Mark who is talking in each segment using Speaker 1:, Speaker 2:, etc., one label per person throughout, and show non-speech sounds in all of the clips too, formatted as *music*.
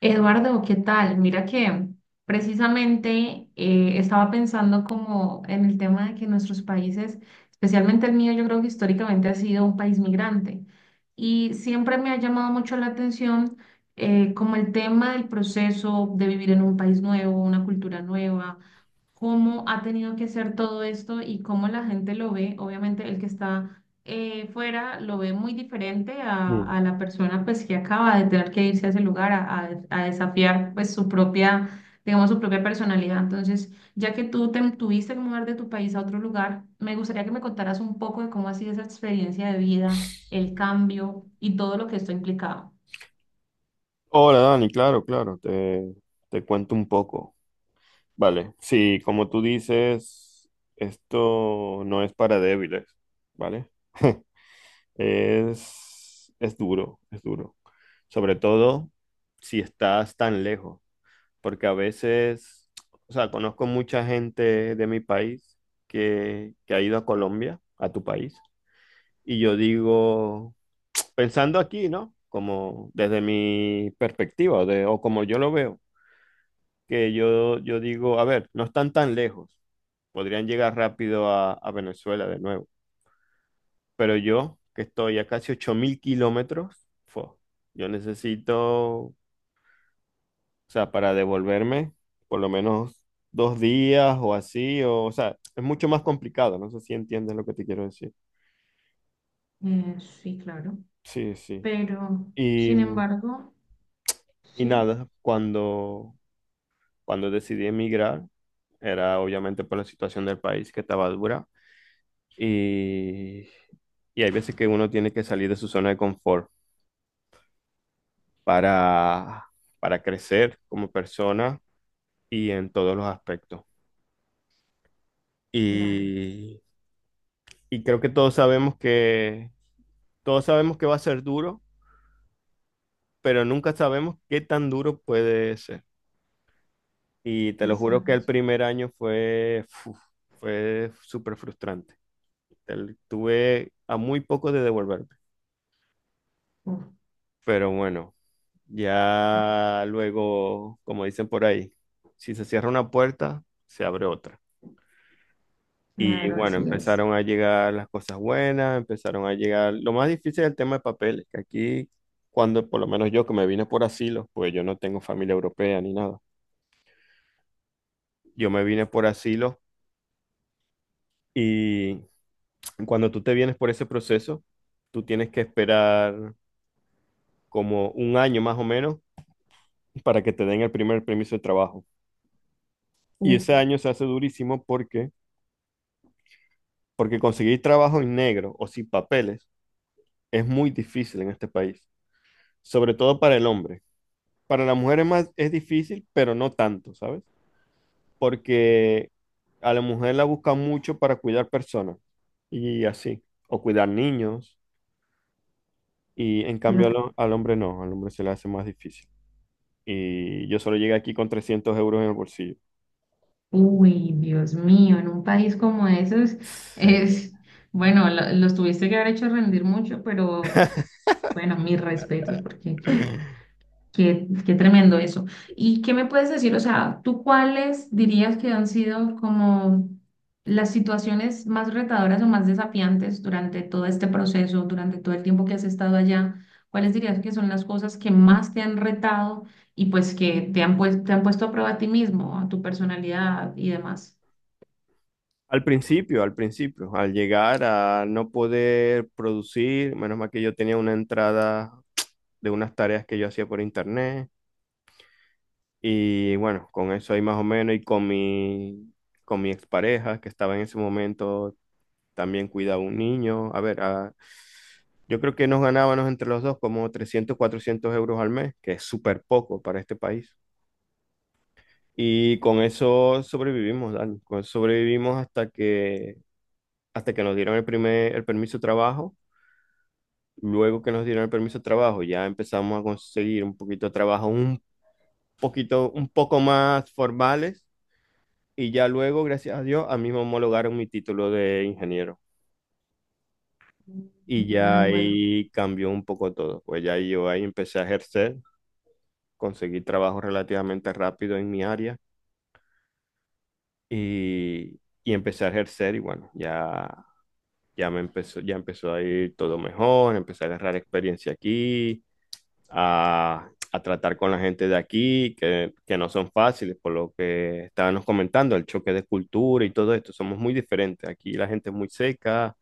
Speaker 1: Eduardo, ¿qué tal? Mira que precisamente estaba pensando como en el tema de que nuestros países, especialmente el mío, yo creo que históricamente ha sido un país migrante y siempre me ha llamado mucho la atención como el tema del proceso de vivir en un país nuevo, una cultura nueva, cómo ha tenido que ser todo esto y cómo la gente lo ve, obviamente el que está fuera lo ve muy diferente a,
Speaker 2: Mm.
Speaker 1: a la persona pues que acaba de tener que irse a ese lugar a desafiar pues su propia, digamos, su propia personalidad. Entonces, ya que tú te tuviste que mudar de tu país a otro lugar, me gustaría que me contaras un poco de cómo ha sido esa experiencia de vida, el cambio y todo lo que esto ha implicado.
Speaker 2: Hola Dani, claro, claro, te cuento un poco. Vale, sí, como tú dices, esto no es para débiles, ¿vale? Es duro, es duro. Sobre todo si estás tan lejos, porque a veces, o sea, conozco mucha gente de mi país que ha ido a Colombia, a tu país, y yo digo, pensando aquí, ¿no? Como desde mi perspectiva o como yo lo veo. Que yo digo, a ver, no están tan lejos, podrían llegar rápido a Venezuela de nuevo, pero yo, que estoy a casi 8.000 kilómetros, yo necesito, o sea, para devolverme, por lo menos 2 días o así, o sea, es mucho más complicado, no sé si entiendes lo que te quiero decir.
Speaker 1: Eh, sí, claro.
Speaker 2: Sí, sí.
Speaker 1: Pero,
Speaker 2: Y,
Speaker 1: sin embargo,
Speaker 2: y
Speaker 1: sí,
Speaker 2: nada, cuando decidí emigrar, era obviamente por la situación del país que estaba dura. Y, Y hay veces que uno tiene que salir de su zona de confort para, para crecer como persona y en todos los aspectos.
Speaker 1: claro,
Speaker 2: Y, y creo que todos sabemos que va a ser duro, pero nunca sabemos qué tan duro puede ser. Y te lo juro que el
Speaker 1: exacto.
Speaker 2: primer año fue súper frustrante. Tuve a muy poco de devolver.
Speaker 1: Uf,
Speaker 2: Pero bueno, ya luego, como dicen por ahí, si se cierra una puerta, se abre otra. Y
Speaker 1: claro,
Speaker 2: bueno,
Speaker 1: así es.
Speaker 2: empezaron a llegar las cosas buenas, empezaron a llegar. Lo más difícil es el tema de papeles, que aquí, cuando por lo menos yo que me vine por asilo, pues yo no tengo familia europea ni nada. Yo me vine por asilo y cuando tú te vienes por ese proceso, tú tienes que esperar como un año más o menos para que te den el primer permiso de trabajo. Y
Speaker 1: Uf,
Speaker 2: ese año se hace durísimo porque conseguir trabajo en negro o sin papeles es muy difícil en este país, sobre todo para el hombre. Para la mujer es más, es difícil, pero no tanto, ¿sabes? Porque a la mujer la buscan mucho para cuidar personas y así, o cuidar niños, y en cambio al hombre no, al hombre se le hace más difícil. Y yo solo llegué aquí con 300 euros en el bolsillo.
Speaker 1: uy, Dios mío, en un país como esos
Speaker 2: Sí.
Speaker 1: es, bueno, los tuviste que haber hecho rendir mucho, pero bueno, mis respetos, porque
Speaker 2: *laughs*
Speaker 1: qué tremendo eso. ¿Y qué me puedes decir? O sea, ¿tú cuáles dirías que han sido como las situaciones más retadoras o más desafiantes durante todo este proceso, durante todo el tiempo que has estado allá? ¿Cuáles dirías que son las cosas que más te han retado y pues que te han, pues, te han puesto a prueba a ti mismo, a tu personalidad y demás?
Speaker 2: Al principio, al principio, al llegar a no poder producir, menos mal que yo tenía una entrada de unas tareas que yo hacía por internet y bueno, con eso ahí más o menos y con mi, expareja que estaba en ese momento también cuidaba un niño, a ver, yo creo que nos ganábamos entre los dos como 300, 400 euros al mes, que es súper poco para este país. Y con eso sobrevivimos, Dani, con eso sobrevivimos hasta que nos dieron el permiso de trabajo. Luego que nos dieron el permiso de trabajo, ya empezamos a conseguir un poquito de trabajo, un poquito, un poco más formales. Y ya luego, gracias a Dios, a mí me homologaron mi título de ingeniero. Y ya
Speaker 1: Genial, bueno,
Speaker 2: ahí cambió un poco todo. Pues ya yo ahí empecé a ejercer, conseguí trabajo relativamente rápido en mi área y empecé a ejercer y bueno, ya empezó a ir todo mejor, empecé a agarrar experiencia aquí a tratar con la gente de aquí, que no son fáciles, por lo que estábamos comentando, el choque de cultura y todo esto, somos muy diferentes. Aquí la gente es muy seca,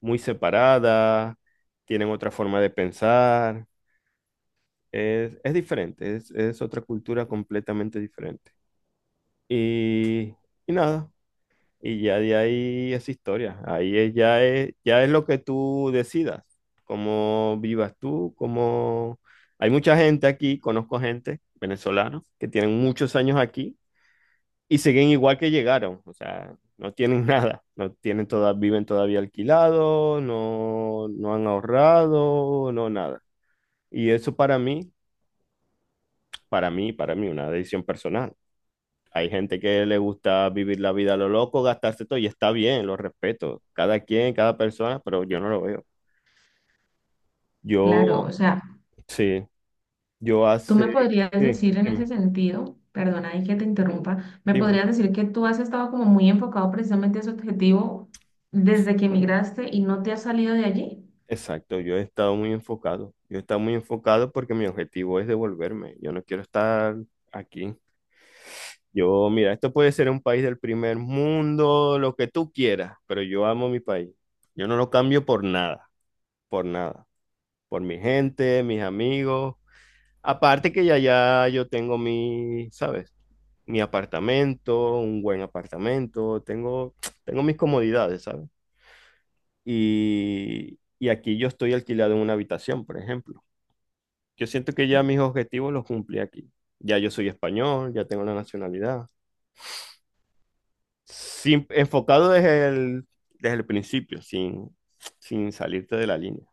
Speaker 2: muy separada, tienen otra forma de pensar, es diferente, es otra cultura completamente diferente. Y, y nada, y ya de ahí es historia. Ahí ya es lo que tú decidas, cómo vivas tú, cómo. Hay mucha gente aquí, conozco gente venezolana que tienen muchos años aquí y siguen igual que llegaron. O sea, no tienen *laughs* nada, no tienen toda, viven todavía alquilados, no, no han ahorrado, no nada. Y eso para mí, para mí, para mí, una decisión personal. Hay gente que le gusta vivir la vida a lo loco, gastarse todo, y está bien, lo respeto. Cada quien, cada persona, pero yo no lo veo.
Speaker 1: claro,
Speaker 2: Yo,
Speaker 1: o sea,
Speaker 2: sí, yo
Speaker 1: tú
Speaker 2: hace,
Speaker 1: me podrías
Speaker 2: sí,
Speaker 1: decir en ese
Speaker 2: dime,
Speaker 1: sentido, perdona y que te interrumpa, me
Speaker 2: dime.
Speaker 1: podrías decir que tú has estado como muy enfocado precisamente a ese objetivo desde que emigraste y no te has salido de allí.
Speaker 2: Exacto, yo he estado muy enfocado. Yo he estado muy enfocado porque mi objetivo es devolverme. Yo no quiero estar aquí. Yo, mira, esto puede ser un país del primer mundo, lo que tú quieras, pero yo amo mi país. Yo no lo cambio por nada, por nada. Por mi gente, mis amigos. Aparte que ya yo tengo mi, ¿sabes? Mi apartamento, un buen apartamento, tengo mis comodidades, ¿sabes? Y aquí yo estoy alquilado en una habitación, por ejemplo. Yo siento que ya mis objetivos los cumplí aquí. Ya yo soy español, ya tengo la nacionalidad. Enfocado desde el principio, sin salirte de la línea.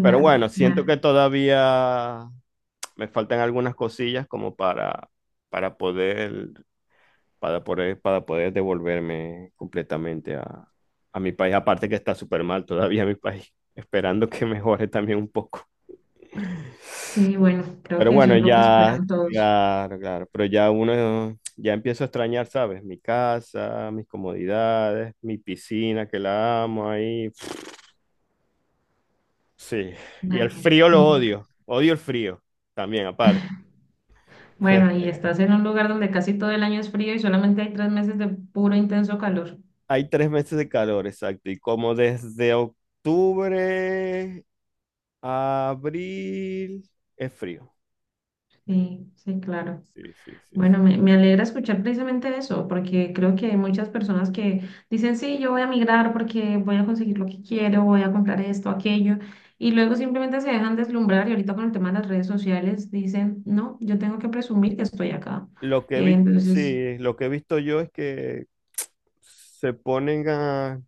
Speaker 2: Pero bueno, siento
Speaker 1: ya.
Speaker 2: que todavía me faltan algunas cosillas como para poder para poder devolverme completamente a mi país. Aparte que está súper mal todavía mi país, *laughs* esperando que mejore también un poco.
Speaker 1: Sí, bueno, creo
Speaker 2: Pero
Speaker 1: que eso
Speaker 2: bueno,
Speaker 1: es lo que
Speaker 2: ya,
Speaker 1: esperan todos.
Speaker 2: claro, claro, pero ya uno, ya empiezo a extrañar, ¿sabes? Mi casa, mis comodidades, mi piscina que la amo ahí. Sí, y el
Speaker 1: Ajá,
Speaker 2: frío lo
Speaker 1: bueno,
Speaker 2: odio, odio el frío también, aparte.
Speaker 1: bueno, y
Speaker 2: *laughs*
Speaker 1: estás en un lugar donde casi todo el año es frío y solamente hay tres meses de puro intenso calor.
Speaker 2: Hay 3 meses de calor, exacto, y como desde octubre abril es frío.
Speaker 1: Sí, sí, claro.
Speaker 2: Sí, sí, sí, sí.
Speaker 1: Bueno, me alegra escuchar precisamente eso, porque creo que hay muchas personas que dicen, sí, yo voy a migrar porque voy a conseguir lo que quiero, voy a comprar esto, aquello, y luego simplemente se dejan deslumbrar y ahorita con el tema de las redes sociales dicen, no, yo tengo que presumir que estoy acá.
Speaker 2: Lo que he
Speaker 1: Eh,
Speaker 2: visto,
Speaker 1: entonces,
Speaker 2: sí, lo que he visto yo es que se ponen a, o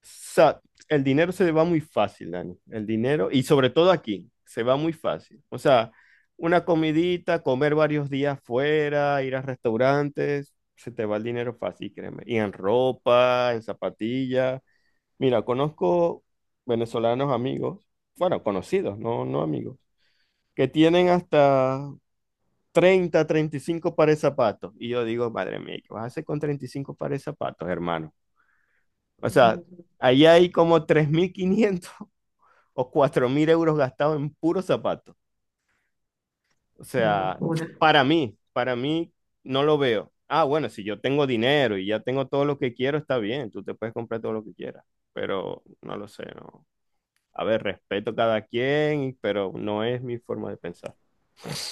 Speaker 2: sea, el dinero se va muy fácil, Dani. El dinero, y sobre todo aquí, se va muy fácil. O sea, una comidita, comer varios días fuera, ir a restaurantes, se te va el dinero fácil, créeme. Y en ropa, en zapatillas. Mira, conozco venezolanos amigos, bueno, conocidos, no, no amigos que tienen hasta 30, 35 pares de zapatos. Y yo digo, madre mía, ¿qué vas a hacer con 35 pares de zapatos, hermano? O
Speaker 1: Dios
Speaker 2: sea,
Speaker 1: mío,
Speaker 2: ahí hay como 3.500 *laughs* o 4.000 euros gastados en puros zapatos. O
Speaker 1: qué
Speaker 2: sea,
Speaker 1: locura.
Speaker 2: para mí no lo veo. Ah, bueno, si yo tengo dinero y ya tengo todo lo que quiero, está bien, tú te puedes comprar todo lo que quieras, pero no lo sé, no. A ver, respeto cada quien, pero no es mi forma de pensar. *laughs*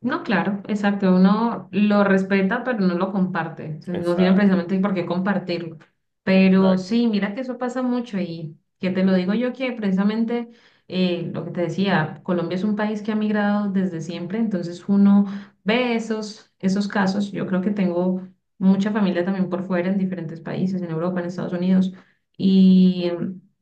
Speaker 1: No, claro, exacto. Uno lo respeta, pero no lo comparte. O sea, no tiene
Speaker 2: Exacto,
Speaker 1: precisamente por qué compartirlo. Pero
Speaker 2: exacto.
Speaker 1: sí, mira que eso pasa mucho y que te lo digo yo que precisamente lo que te decía, Colombia es un país que ha migrado desde siempre, entonces uno ve esos casos. Yo creo que tengo mucha familia también por fuera en diferentes países, en Europa, en Estados Unidos. Y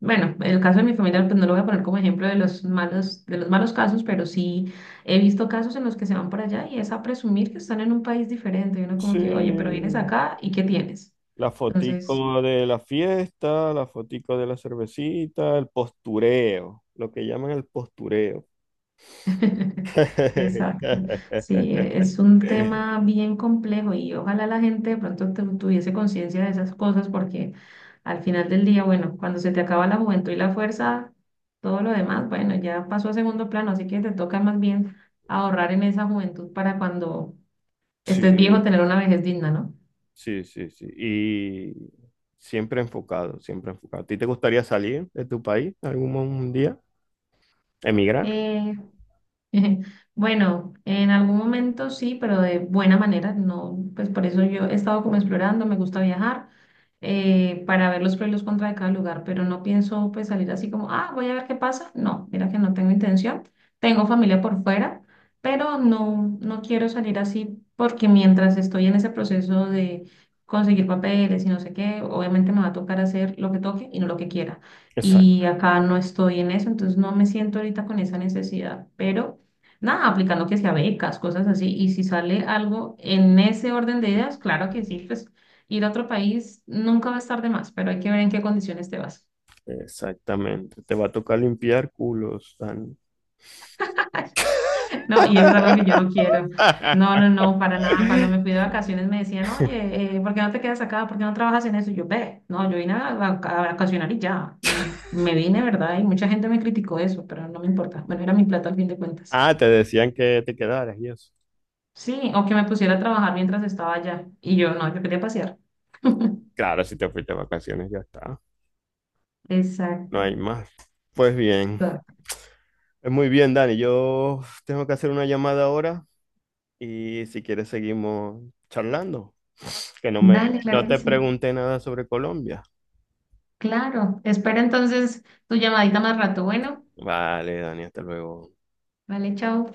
Speaker 1: bueno, el caso de mi familia, pues no lo voy a poner como ejemplo de los malos casos, pero sí he visto casos en los que se van para allá y es a presumir que están en un país diferente. Y uno como
Speaker 2: Sí,
Speaker 1: que, oye, pero vienes acá y ¿qué tienes?
Speaker 2: la
Speaker 1: Entonces,
Speaker 2: fotico de la fiesta, la fotico de la cervecita, el postureo, lo que llaman el postureo.
Speaker 1: *laughs* exacto. Sí,
Speaker 2: *laughs*
Speaker 1: es un tema bien complejo y ojalá la gente de pronto tuviese conciencia de esas cosas porque al final del día, bueno, cuando se te acaba la juventud y la fuerza, todo lo demás, bueno, ya pasó a segundo plano, así que te toca más bien ahorrar en esa juventud para cuando estés viejo
Speaker 2: Sí,
Speaker 1: tener una vejez digna, ¿no?
Speaker 2: sí, sí, sí. Y siempre enfocado, siempre enfocado. ¿A ti te gustaría salir de tu país algún día? ¿Emigrar?
Speaker 1: Eh, *laughs* bueno, en algún momento sí, pero de buena manera, no, pues por eso yo he estado como explorando, me gusta viajar para ver los pros y los contras de cada lugar, pero no pienso pues salir así como, ah, voy a ver qué pasa. No, mira que no tengo intención. Tengo familia por fuera, pero no, no quiero salir así porque mientras estoy en ese proceso de conseguir papeles y no sé qué, obviamente me va a tocar hacer lo que toque y no lo que quiera.
Speaker 2: Exacto,
Speaker 1: Y acá no estoy en eso, entonces no me siento ahorita con esa necesidad, pero... Nada, aplicando que sea becas, cosas así. Y si sale algo en ese orden de ideas, claro que sí, pues ir a otro país nunca va a estar de más, pero hay que ver en qué condiciones te vas.
Speaker 2: exactamente. Te va a tocar limpiar culos, Dani.
Speaker 1: *laughs* No, y eso es algo que yo no
Speaker 2: *laughs*
Speaker 1: quiero. No, no, no, para nada. Cuando me fui de vacaciones me decían, oye, ¿por qué no te quedas acá? ¿Por qué no trabajas en eso? Y yo, ve, no, yo vine a vacacionar y ya. Y me vine, ¿verdad? Y mucha gente me criticó eso, pero no me importa. Bueno, era mi plata al fin de cuentas.
Speaker 2: Ah, te decían que te quedaras y eso.
Speaker 1: Sí, o que me pusiera a trabajar mientras estaba allá. Y yo, no, yo quería pasear. *laughs*
Speaker 2: Claro, si te fuiste de vacaciones, ya está. No
Speaker 1: Exacto.
Speaker 2: hay más. Pues bien,
Speaker 1: Claro.
Speaker 2: es muy bien, Dani. Yo tengo que hacer una llamada ahora y si quieres seguimos charlando. Que no me,
Speaker 1: Dale, claro
Speaker 2: no
Speaker 1: que
Speaker 2: te
Speaker 1: sí.
Speaker 2: pregunté nada sobre Colombia.
Speaker 1: Claro. Espera entonces tu llamadita más rato. Bueno,
Speaker 2: Vale, Dani, hasta luego.
Speaker 1: vale, chao.